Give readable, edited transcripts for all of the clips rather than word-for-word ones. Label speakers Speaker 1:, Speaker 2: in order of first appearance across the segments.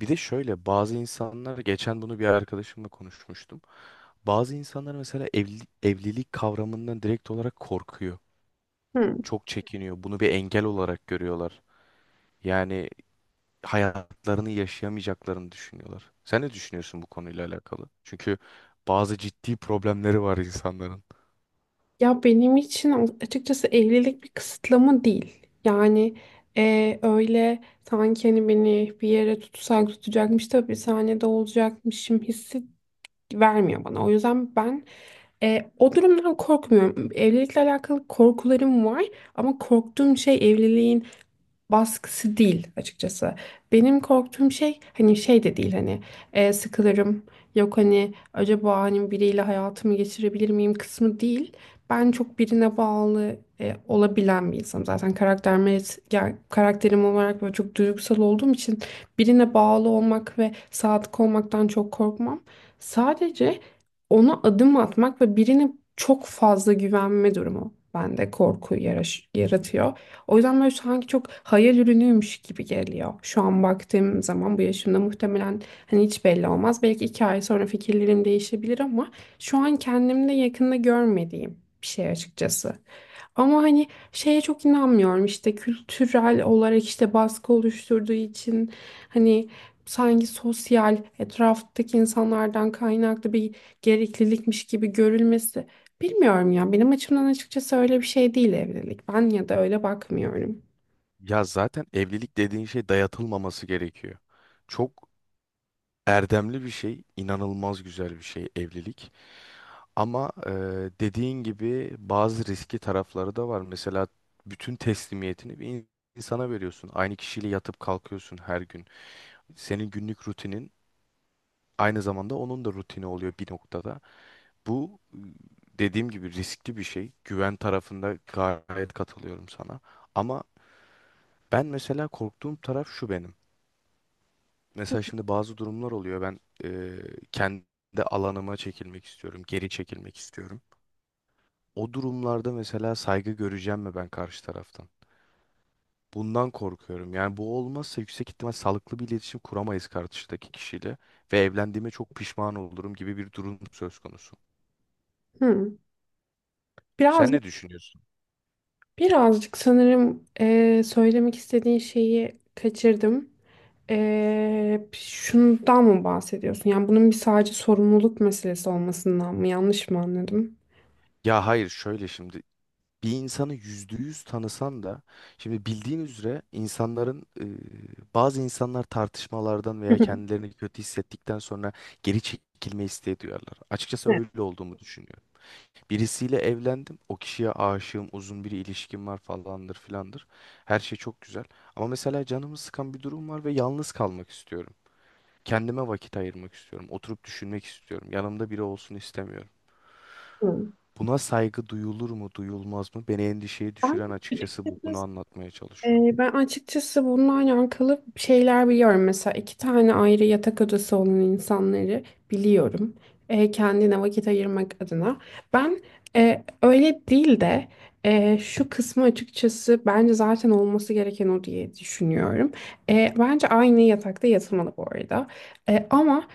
Speaker 1: Bir de şöyle bazı insanlar geçen bunu bir arkadaşımla konuşmuştum. Bazı insanlar mesela evlilik kavramından direkt olarak korkuyor.
Speaker 2: Hı.
Speaker 1: Çok çekiniyor. Bunu bir engel olarak görüyorlar. Yani hayatlarını yaşayamayacaklarını düşünüyorlar. Sen ne düşünüyorsun bu konuyla alakalı? Çünkü bazı ciddi problemleri var insanların.
Speaker 2: Ya benim için açıkçası evlilik bir kısıtlama değil. Yani öyle sanki hani beni bir yere tutsak tutacakmış da bir sahnede olacakmışım hissi vermiyor bana. O yüzden ben o durumdan korkmuyorum. Evlilikle alakalı korkularım var ama korktuğum şey evliliğin baskısı değil açıkçası. Benim korktuğum şey hani şey de değil, hani sıkılırım, yok hani acaba hani biriyle hayatımı geçirebilir miyim kısmı değil. Ben çok birine bağlı olabilen bir insanım. Zaten karakterim, yani karakterim olarak böyle çok duygusal olduğum için birine bağlı olmak ve sadık olmaktan çok korkmam. Sadece ona adım atmak ve birine çok fazla güvenme durumu bende korku yaratıyor. O yüzden böyle sanki çok hayal ürünüymüş gibi geliyor. Şu an baktığım zaman bu yaşımda muhtemelen, hani hiç belli olmaz. Belki 2 ay sonra fikirlerim değişebilir ama şu an kendimde yakında görmediğim bir şey açıkçası. Ama hani şeye çok inanmıyorum, işte kültürel olarak işte baskı oluşturduğu için, hani sanki sosyal etraftaki insanlardan kaynaklı bir gereklilikmiş gibi görülmesi. Bilmiyorum ya. Benim açımdan açıkçası öyle bir şey değil evlilik. Ben ya da öyle bakmıyorum.
Speaker 1: Ya zaten evlilik dediğin şey dayatılmaması gerekiyor. Çok erdemli bir şey, inanılmaz güzel bir şey evlilik. Ama dediğin gibi bazı riski tarafları da var. Mesela bütün teslimiyetini bir insana veriyorsun. Aynı kişiyle yatıp kalkıyorsun her gün. Senin günlük rutinin aynı zamanda onun da rutini oluyor bir noktada. Bu dediğim gibi riskli bir şey. Güven tarafında gayet katılıyorum sana. Ama ben mesela korktuğum taraf şu benim. Mesela şimdi bazı durumlar oluyor. Ben kendi alanıma çekilmek istiyorum, geri çekilmek istiyorum. O durumlarda mesela saygı göreceğim mi ben karşı taraftan? Bundan korkuyorum. Yani bu olmazsa yüksek ihtimal sağlıklı bir iletişim kuramayız karşıdaki kişiyle ve evlendiğime çok pişman olurum gibi bir durum söz konusu.
Speaker 2: Hı.
Speaker 1: Sen
Speaker 2: Birazcık,
Speaker 1: ne düşünüyorsun?
Speaker 2: birazcık sanırım söylemek istediğin şeyi kaçırdım. Şundan mı bahsediyorsun? Yani bunun bir sadece sorumluluk meselesi olmasından mı? Yanlış mı anladım?
Speaker 1: Ya hayır şöyle şimdi bir insanı yüzde yüz tanısan da şimdi bildiğin üzere bazı insanlar tartışmalardan
Speaker 2: Hı
Speaker 1: veya
Speaker 2: hı.
Speaker 1: kendilerini kötü hissettikten sonra geri çekilme isteği duyarlar. Açıkçası
Speaker 2: Evet.
Speaker 1: öyle olduğumu düşünüyorum. Birisiyle evlendim. O kişiye aşığım, uzun bir ilişkim var falandır filandır. Her şey çok güzel. Ama mesela canımı sıkan bir durum var ve yalnız kalmak istiyorum. Kendime vakit ayırmak istiyorum. Oturup düşünmek istiyorum. Yanımda biri olsun istemiyorum.
Speaker 2: Hı.
Speaker 1: Buna saygı duyulur mu, duyulmaz mı? Beni endişeye
Speaker 2: Ben
Speaker 1: düşüren açıkçası bu. Bunu anlatmaya çalışıyorum.
Speaker 2: Ben açıkçası bununla alakalı şeyler biliyorum. Mesela iki tane ayrı yatak odası olan insanları biliyorum. Kendine vakit ayırmak adına. Ben öyle değil de şu kısmı açıkçası bence zaten olması gereken o diye düşünüyorum. Bence aynı yatakta yatılmalı bu arada. Ama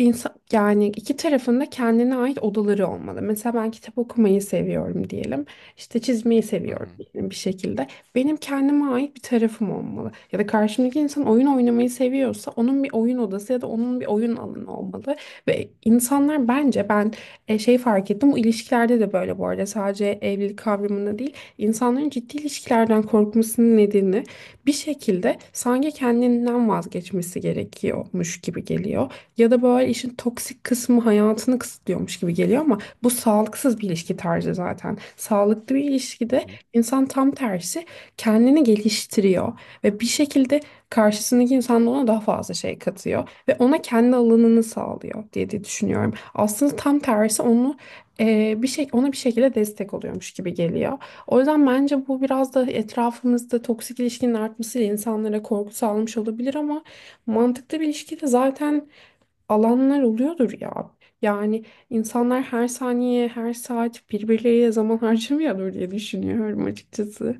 Speaker 2: İnsan, yani iki tarafında kendine ait odaları olmalı. Mesela ben kitap okumayı seviyorum diyelim. İşte çizmeyi
Speaker 1: Hı
Speaker 2: seviyorum
Speaker 1: hı.
Speaker 2: diyelim bir şekilde. Benim kendime ait bir tarafım olmalı. Ya da karşımdaki insan oyun oynamayı seviyorsa onun bir oyun odası ya da onun bir oyun alanı olmalı. Ve insanlar bence, ben şey fark ettim. Bu ilişkilerde de böyle, bu arada sadece evlilik kavramında değil. İnsanların ciddi ilişkilerden korkmasının nedeni bir şekilde sanki kendinden vazgeçmesi gerekiyormuş gibi geliyor. Ya da böyle işin toksik kısmı hayatını kısıtlıyormuş gibi geliyor ama bu sağlıksız bir ilişki tarzı zaten. Sağlıklı bir
Speaker 1: Hı
Speaker 2: ilişkide
Speaker 1: hı.
Speaker 2: insan tam tersi kendini geliştiriyor ve bir şekilde karşısındaki insan da ona daha fazla şey katıyor ve ona kendi alanını sağlıyor diye düşünüyorum. Aslında tam tersi, onu bir şey ona bir şekilde destek oluyormuş gibi geliyor. O yüzden bence bu biraz da etrafımızda toksik ilişkinin artmasıyla insanlara korku sağlamış olabilir ama mantıklı bir ilişkide zaten alanlar oluyordur ya. Yani insanlar her saniye, her saat birbirleriyle zaman harcamıyordur diye düşünüyorum açıkçası.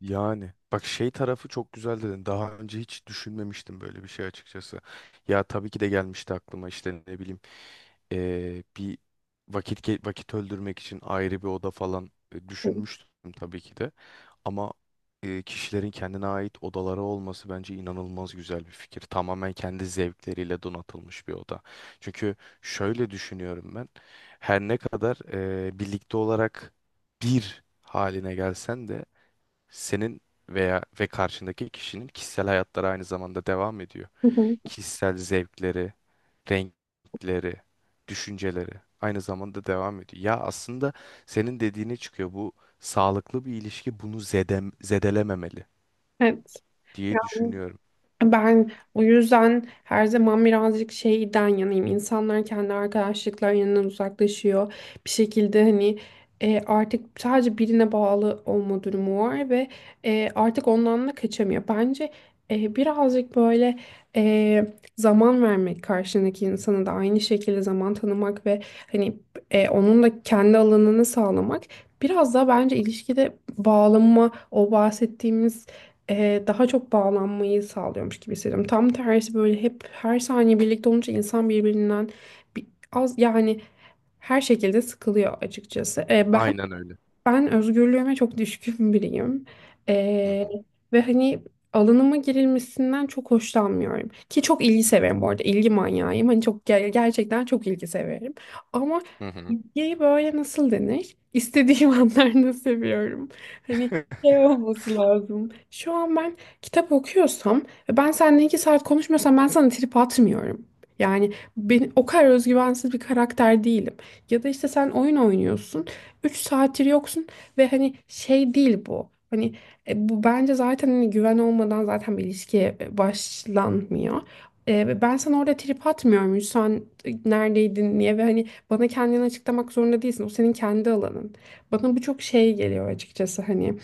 Speaker 1: Yani bak şey tarafı çok güzel dedin. Daha önce hiç düşünmemiştim böyle bir şey açıkçası. Ya tabii ki de gelmişti aklıma işte ne bileyim bir vakit öldürmek için ayrı bir oda falan düşünmüştüm tabii ki de. Ama kişilerin kendine ait odaları olması bence inanılmaz güzel bir fikir. Tamamen kendi zevkleriyle donatılmış bir oda. Çünkü şöyle düşünüyorum ben. Her ne kadar birlikte olarak bir haline gelsen de senin ve karşındaki kişinin kişisel hayatları aynı zamanda devam ediyor. Kişisel zevkleri, renkleri, düşünceleri aynı zamanda devam ediyor. Ya aslında senin dediğine çıkıyor. Bu sağlıklı bir ilişki bunu zedelememeli
Speaker 2: Evet.
Speaker 1: diye
Speaker 2: Yani
Speaker 1: düşünüyorum.
Speaker 2: ben o yüzden her zaman birazcık şeyden yanayım. İnsanlar kendi arkadaşlıklarından uzaklaşıyor. Bir şekilde, hani artık sadece birine bağlı olma durumu var ve artık ondan da kaçamıyor. Bence birazcık böyle e, zaman vermek, karşındaki insana da aynı şekilde zaman tanımak ve hani onun da kendi alanını sağlamak biraz daha bence ilişkide bağlanma, o bahsettiğimiz daha çok bağlanmayı sağlıyormuş gibi hissediyorum. Tam tersi, böyle hep her saniye birlikte olunca insan birbirinden bir, az yani her şekilde sıkılıyor açıkçası. E, ben
Speaker 1: Aynen öyle.
Speaker 2: ben özgürlüğüme çok düşkün biriyim.
Speaker 1: Hı
Speaker 2: Ee,
Speaker 1: hı.
Speaker 2: ve hani alanıma girilmesinden çok hoşlanmıyorum. Ki çok ilgi severim bu arada. İlgi manyağıyım. Hani çok gerçekten çok ilgi severim. Ama
Speaker 1: Hı hı.
Speaker 2: ilgiyi böyle nasıl denir? İstediğim anlarda seviyorum. Hani şey olması lazım. Şu an ben kitap okuyorsam ve ben seninle 2 saat konuşmuyorsam ben sana trip atmıyorum. Yani ben o kadar özgüvensiz bir karakter değilim. Ya da işte sen oyun oynuyorsun. 3 saattir yoksun ve hani şey değil bu. Hani bu bence zaten hani güven olmadan zaten bir ilişkiye başlanmıyor. Ben sana orada trip atmıyorum. Sen neredeydin niye ve hani bana kendini açıklamak zorunda değilsin. O senin kendi alanın. Bana bu çok şey geliyor açıkçası hani.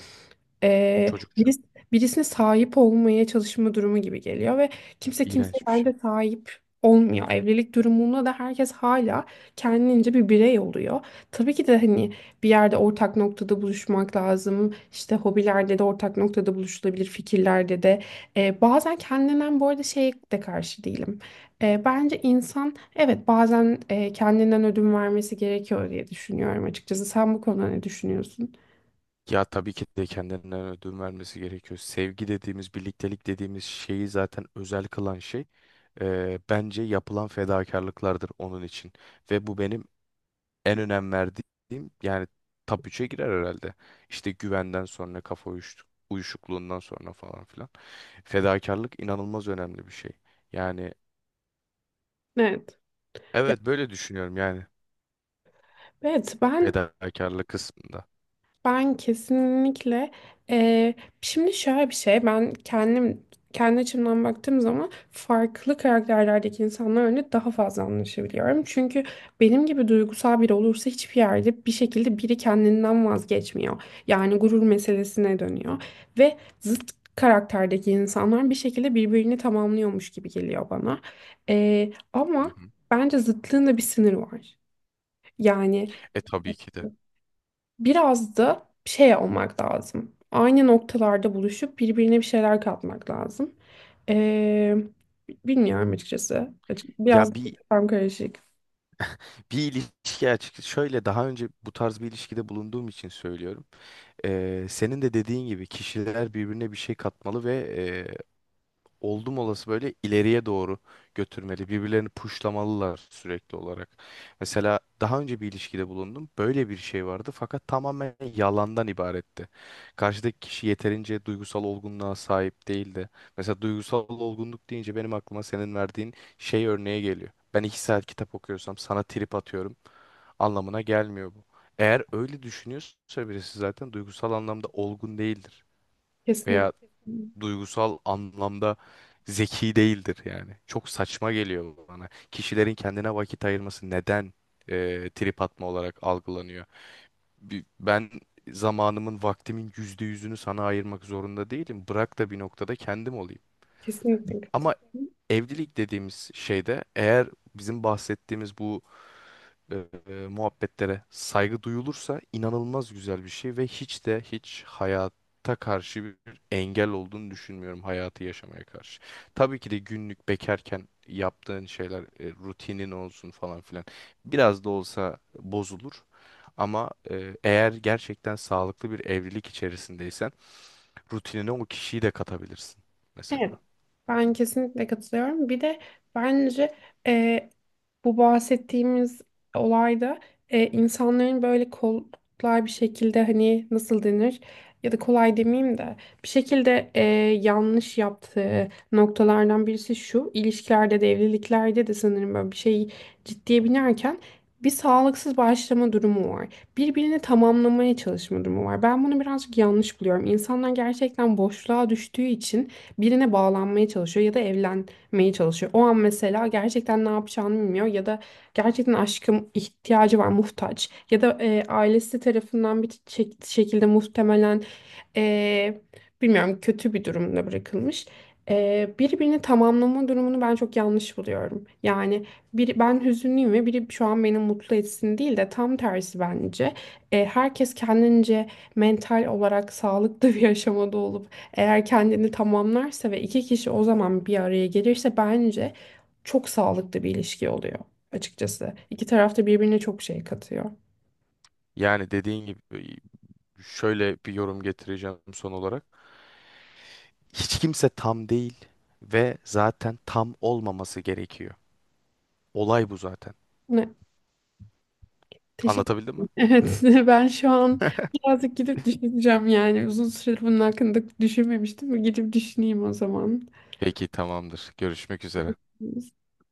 Speaker 2: Ee,
Speaker 1: Çocukça.
Speaker 2: biris- Birisine sahip olmaya çalışma durumu gibi geliyor ve kimse kimseye
Speaker 1: İğrenç bir
Speaker 2: bence
Speaker 1: şey.
Speaker 2: sahip olmuyor. Evlilik durumunda da herkes hala kendince bir birey oluyor. Tabii ki de hani bir yerde ortak noktada buluşmak lazım. İşte hobilerde de ortak noktada buluşulabilir, fikirlerde de. Bazen kendinden bu arada şey de karşı değilim. Bence insan evet bazen kendinden ödün vermesi gerekiyor diye düşünüyorum açıkçası. Sen bu konuda ne düşünüyorsun?
Speaker 1: Ya tabii ki de kendinden ödün vermesi gerekiyor. Sevgi dediğimiz, birliktelik dediğimiz şeyi zaten özel kılan şey bence yapılan fedakarlıklardır onun için. Ve bu benim en önem verdiğim yani top 3'e girer herhalde. İşte güvenden sonra, kafa uyuşukluğundan sonra falan filan. Fedakarlık inanılmaz önemli bir şey. Yani
Speaker 2: Evet. Ya,
Speaker 1: evet böyle düşünüyorum yani
Speaker 2: evet, ben
Speaker 1: fedakarlık kısmında.
Speaker 2: Ben kesinlikle eee, şimdi şöyle bir şey, ben kendi açımdan baktığım zaman farklı karakterlerdeki insanlarla daha fazla anlaşabiliyorum. Çünkü benim gibi duygusal biri olursa hiçbir yerde bir şekilde biri kendinden vazgeçmiyor. Yani gurur meselesine dönüyor ve zıt karakterdeki insanlar bir şekilde birbirini tamamlıyormuş gibi geliyor bana.
Speaker 1: Hı
Speaker 2: Ama
Speaker 1: hı.
Speaker 2: bence zıtlığın da bir sınırı var. Yani
Speaker 1: E tabii ki de.
Speaker 2: biraz da şey olmak lazım. Aynı noktalarda buluşup birbirine bir şeyler katmak lazım. Ee, Bilmiyorum açıkçası. Biraz
Speaker 1: Ya bir
Speaker 2: tam karışık.
Speaker 1: bir ilişki açık şöyle daha önce bu tarz bir ilişkide bulunduğum için söylüyorum. Senin de dediğin gibi kişiler birbirine bir şey katmalı ve e, oldum olası böyle ileriye doğru götürmeli. Birbirlerini puşlamalılar sürekli olarak. Mesela daha önce bir ilişkide bulundum. Böyle bir şey vardı fakat tamamen yalandan ibaretti. Karşıdaki kişi yeterince duygusal olgunluğa sahip değildi. Mesela duygusal olgunluk deyince benim aklıma senin verdiğin şey örneğe geliyor. Ben 2 saat kitap okuyorsam sana trip atıyorum anlamına gelmiyor bu. Eğer öyle düşünüyorsa birisi zaten duygusal anlamda olgun değildir
Speaker 2: Kesinlikle.
Speaker 1: veya duygusal anlamda zeki değildir yani. Çok saçma geliyor bana. Kişilerin kendine vakit ayırması neden trip atma olarak algılanıyor? Ben zamanımın, vaktimin yüzde yüzünü sana ayırmak zorunda değilim. Bırak da bir noktada kendim olayım.
Speaker 2: Kesinlikle.
Speaker 1: Ama evlilik dediğimiz şeyde eğer bizim bahsettiğimiz bu e, muhabbetlere saygı duyulursa inanılmaz güzel bir şey ve hiç de hiç hayata karşı bir engel olduğunu düşünmüyorum hayatı yaşamaya karşı. Tabii ki de günlük bekarken yaptığın şeyler rutinin olsun falan filan biraz da olsa bozulur ama eğer gerçekten sağlıklı bir evlilik içerisindeysen rutinine o kişiyi de katabilirsin
Speaker 2: Evet.
Speaker 1: mesela.
Speaker 2: Ben kesinlikle katılıyorum. Bir de bence e, bu bahsettiğimiz olayda insanların böyle kolay bir şekilde, hani nasıl denir, ya da kolay demeyeyim de bir şekilde yanlış yaptığı noktalardan birisi şu: ilişkilerde de evliliklerde de sanırım böyle bir şey ciddiye binerken bir sağlıksız başlama durumu var. Birbirini tamamlamaya çalışma durumu var. Ben bunu birazcık yanlış buluyorum. İnsanlar gerçekten boşluğa düştüğü için birine bağlanmaya çalışıyor ya da evlenmeye çalışıyor. O an mesela gerçekten ne yapacağını bilmiyor ya da gerçekten aşkım ihtiyacı var, muhtaç ya da ailesi tarafından bir şekilde muhtemelen e, bilmiyorum kötü bir durumda bırakılmış. Birbirini tamamlama durumunu ben çok yanlış buluyorum. Yani biri ben hüzünlüyüm ve biri şu an beni mutlu etsin değil de tam tersi bence. Herkes kendince mental olarak sağlıklı bir aşamada olup eğer kendini tamamlarsa ve iki kişi o zaman bir araya gelirse bence çok sağlıklı bir ilişki oluyor açıkçası. İki taraf da birbirine çok şey katıyor.
Speaker 1: Yani dediğin gibi şöyle bir yorum getireceğim son olarak. Hiç kimse tam değil ve zaten tam olmaması gerekiyor. Olay bu zaten.
Speaker 2: Ne? Teşekkür ederim.
Speaker 1: Anlatabildim mi?
Speaker 2: Evet, ben şu an birazcık gidip düşüneceğim yani. Uzun süredir bunun hakkında düşünmemiştim. Gidip düşüneyim o zaman.
Speaker 1: Peki tamamdır. Görüşmek üzere.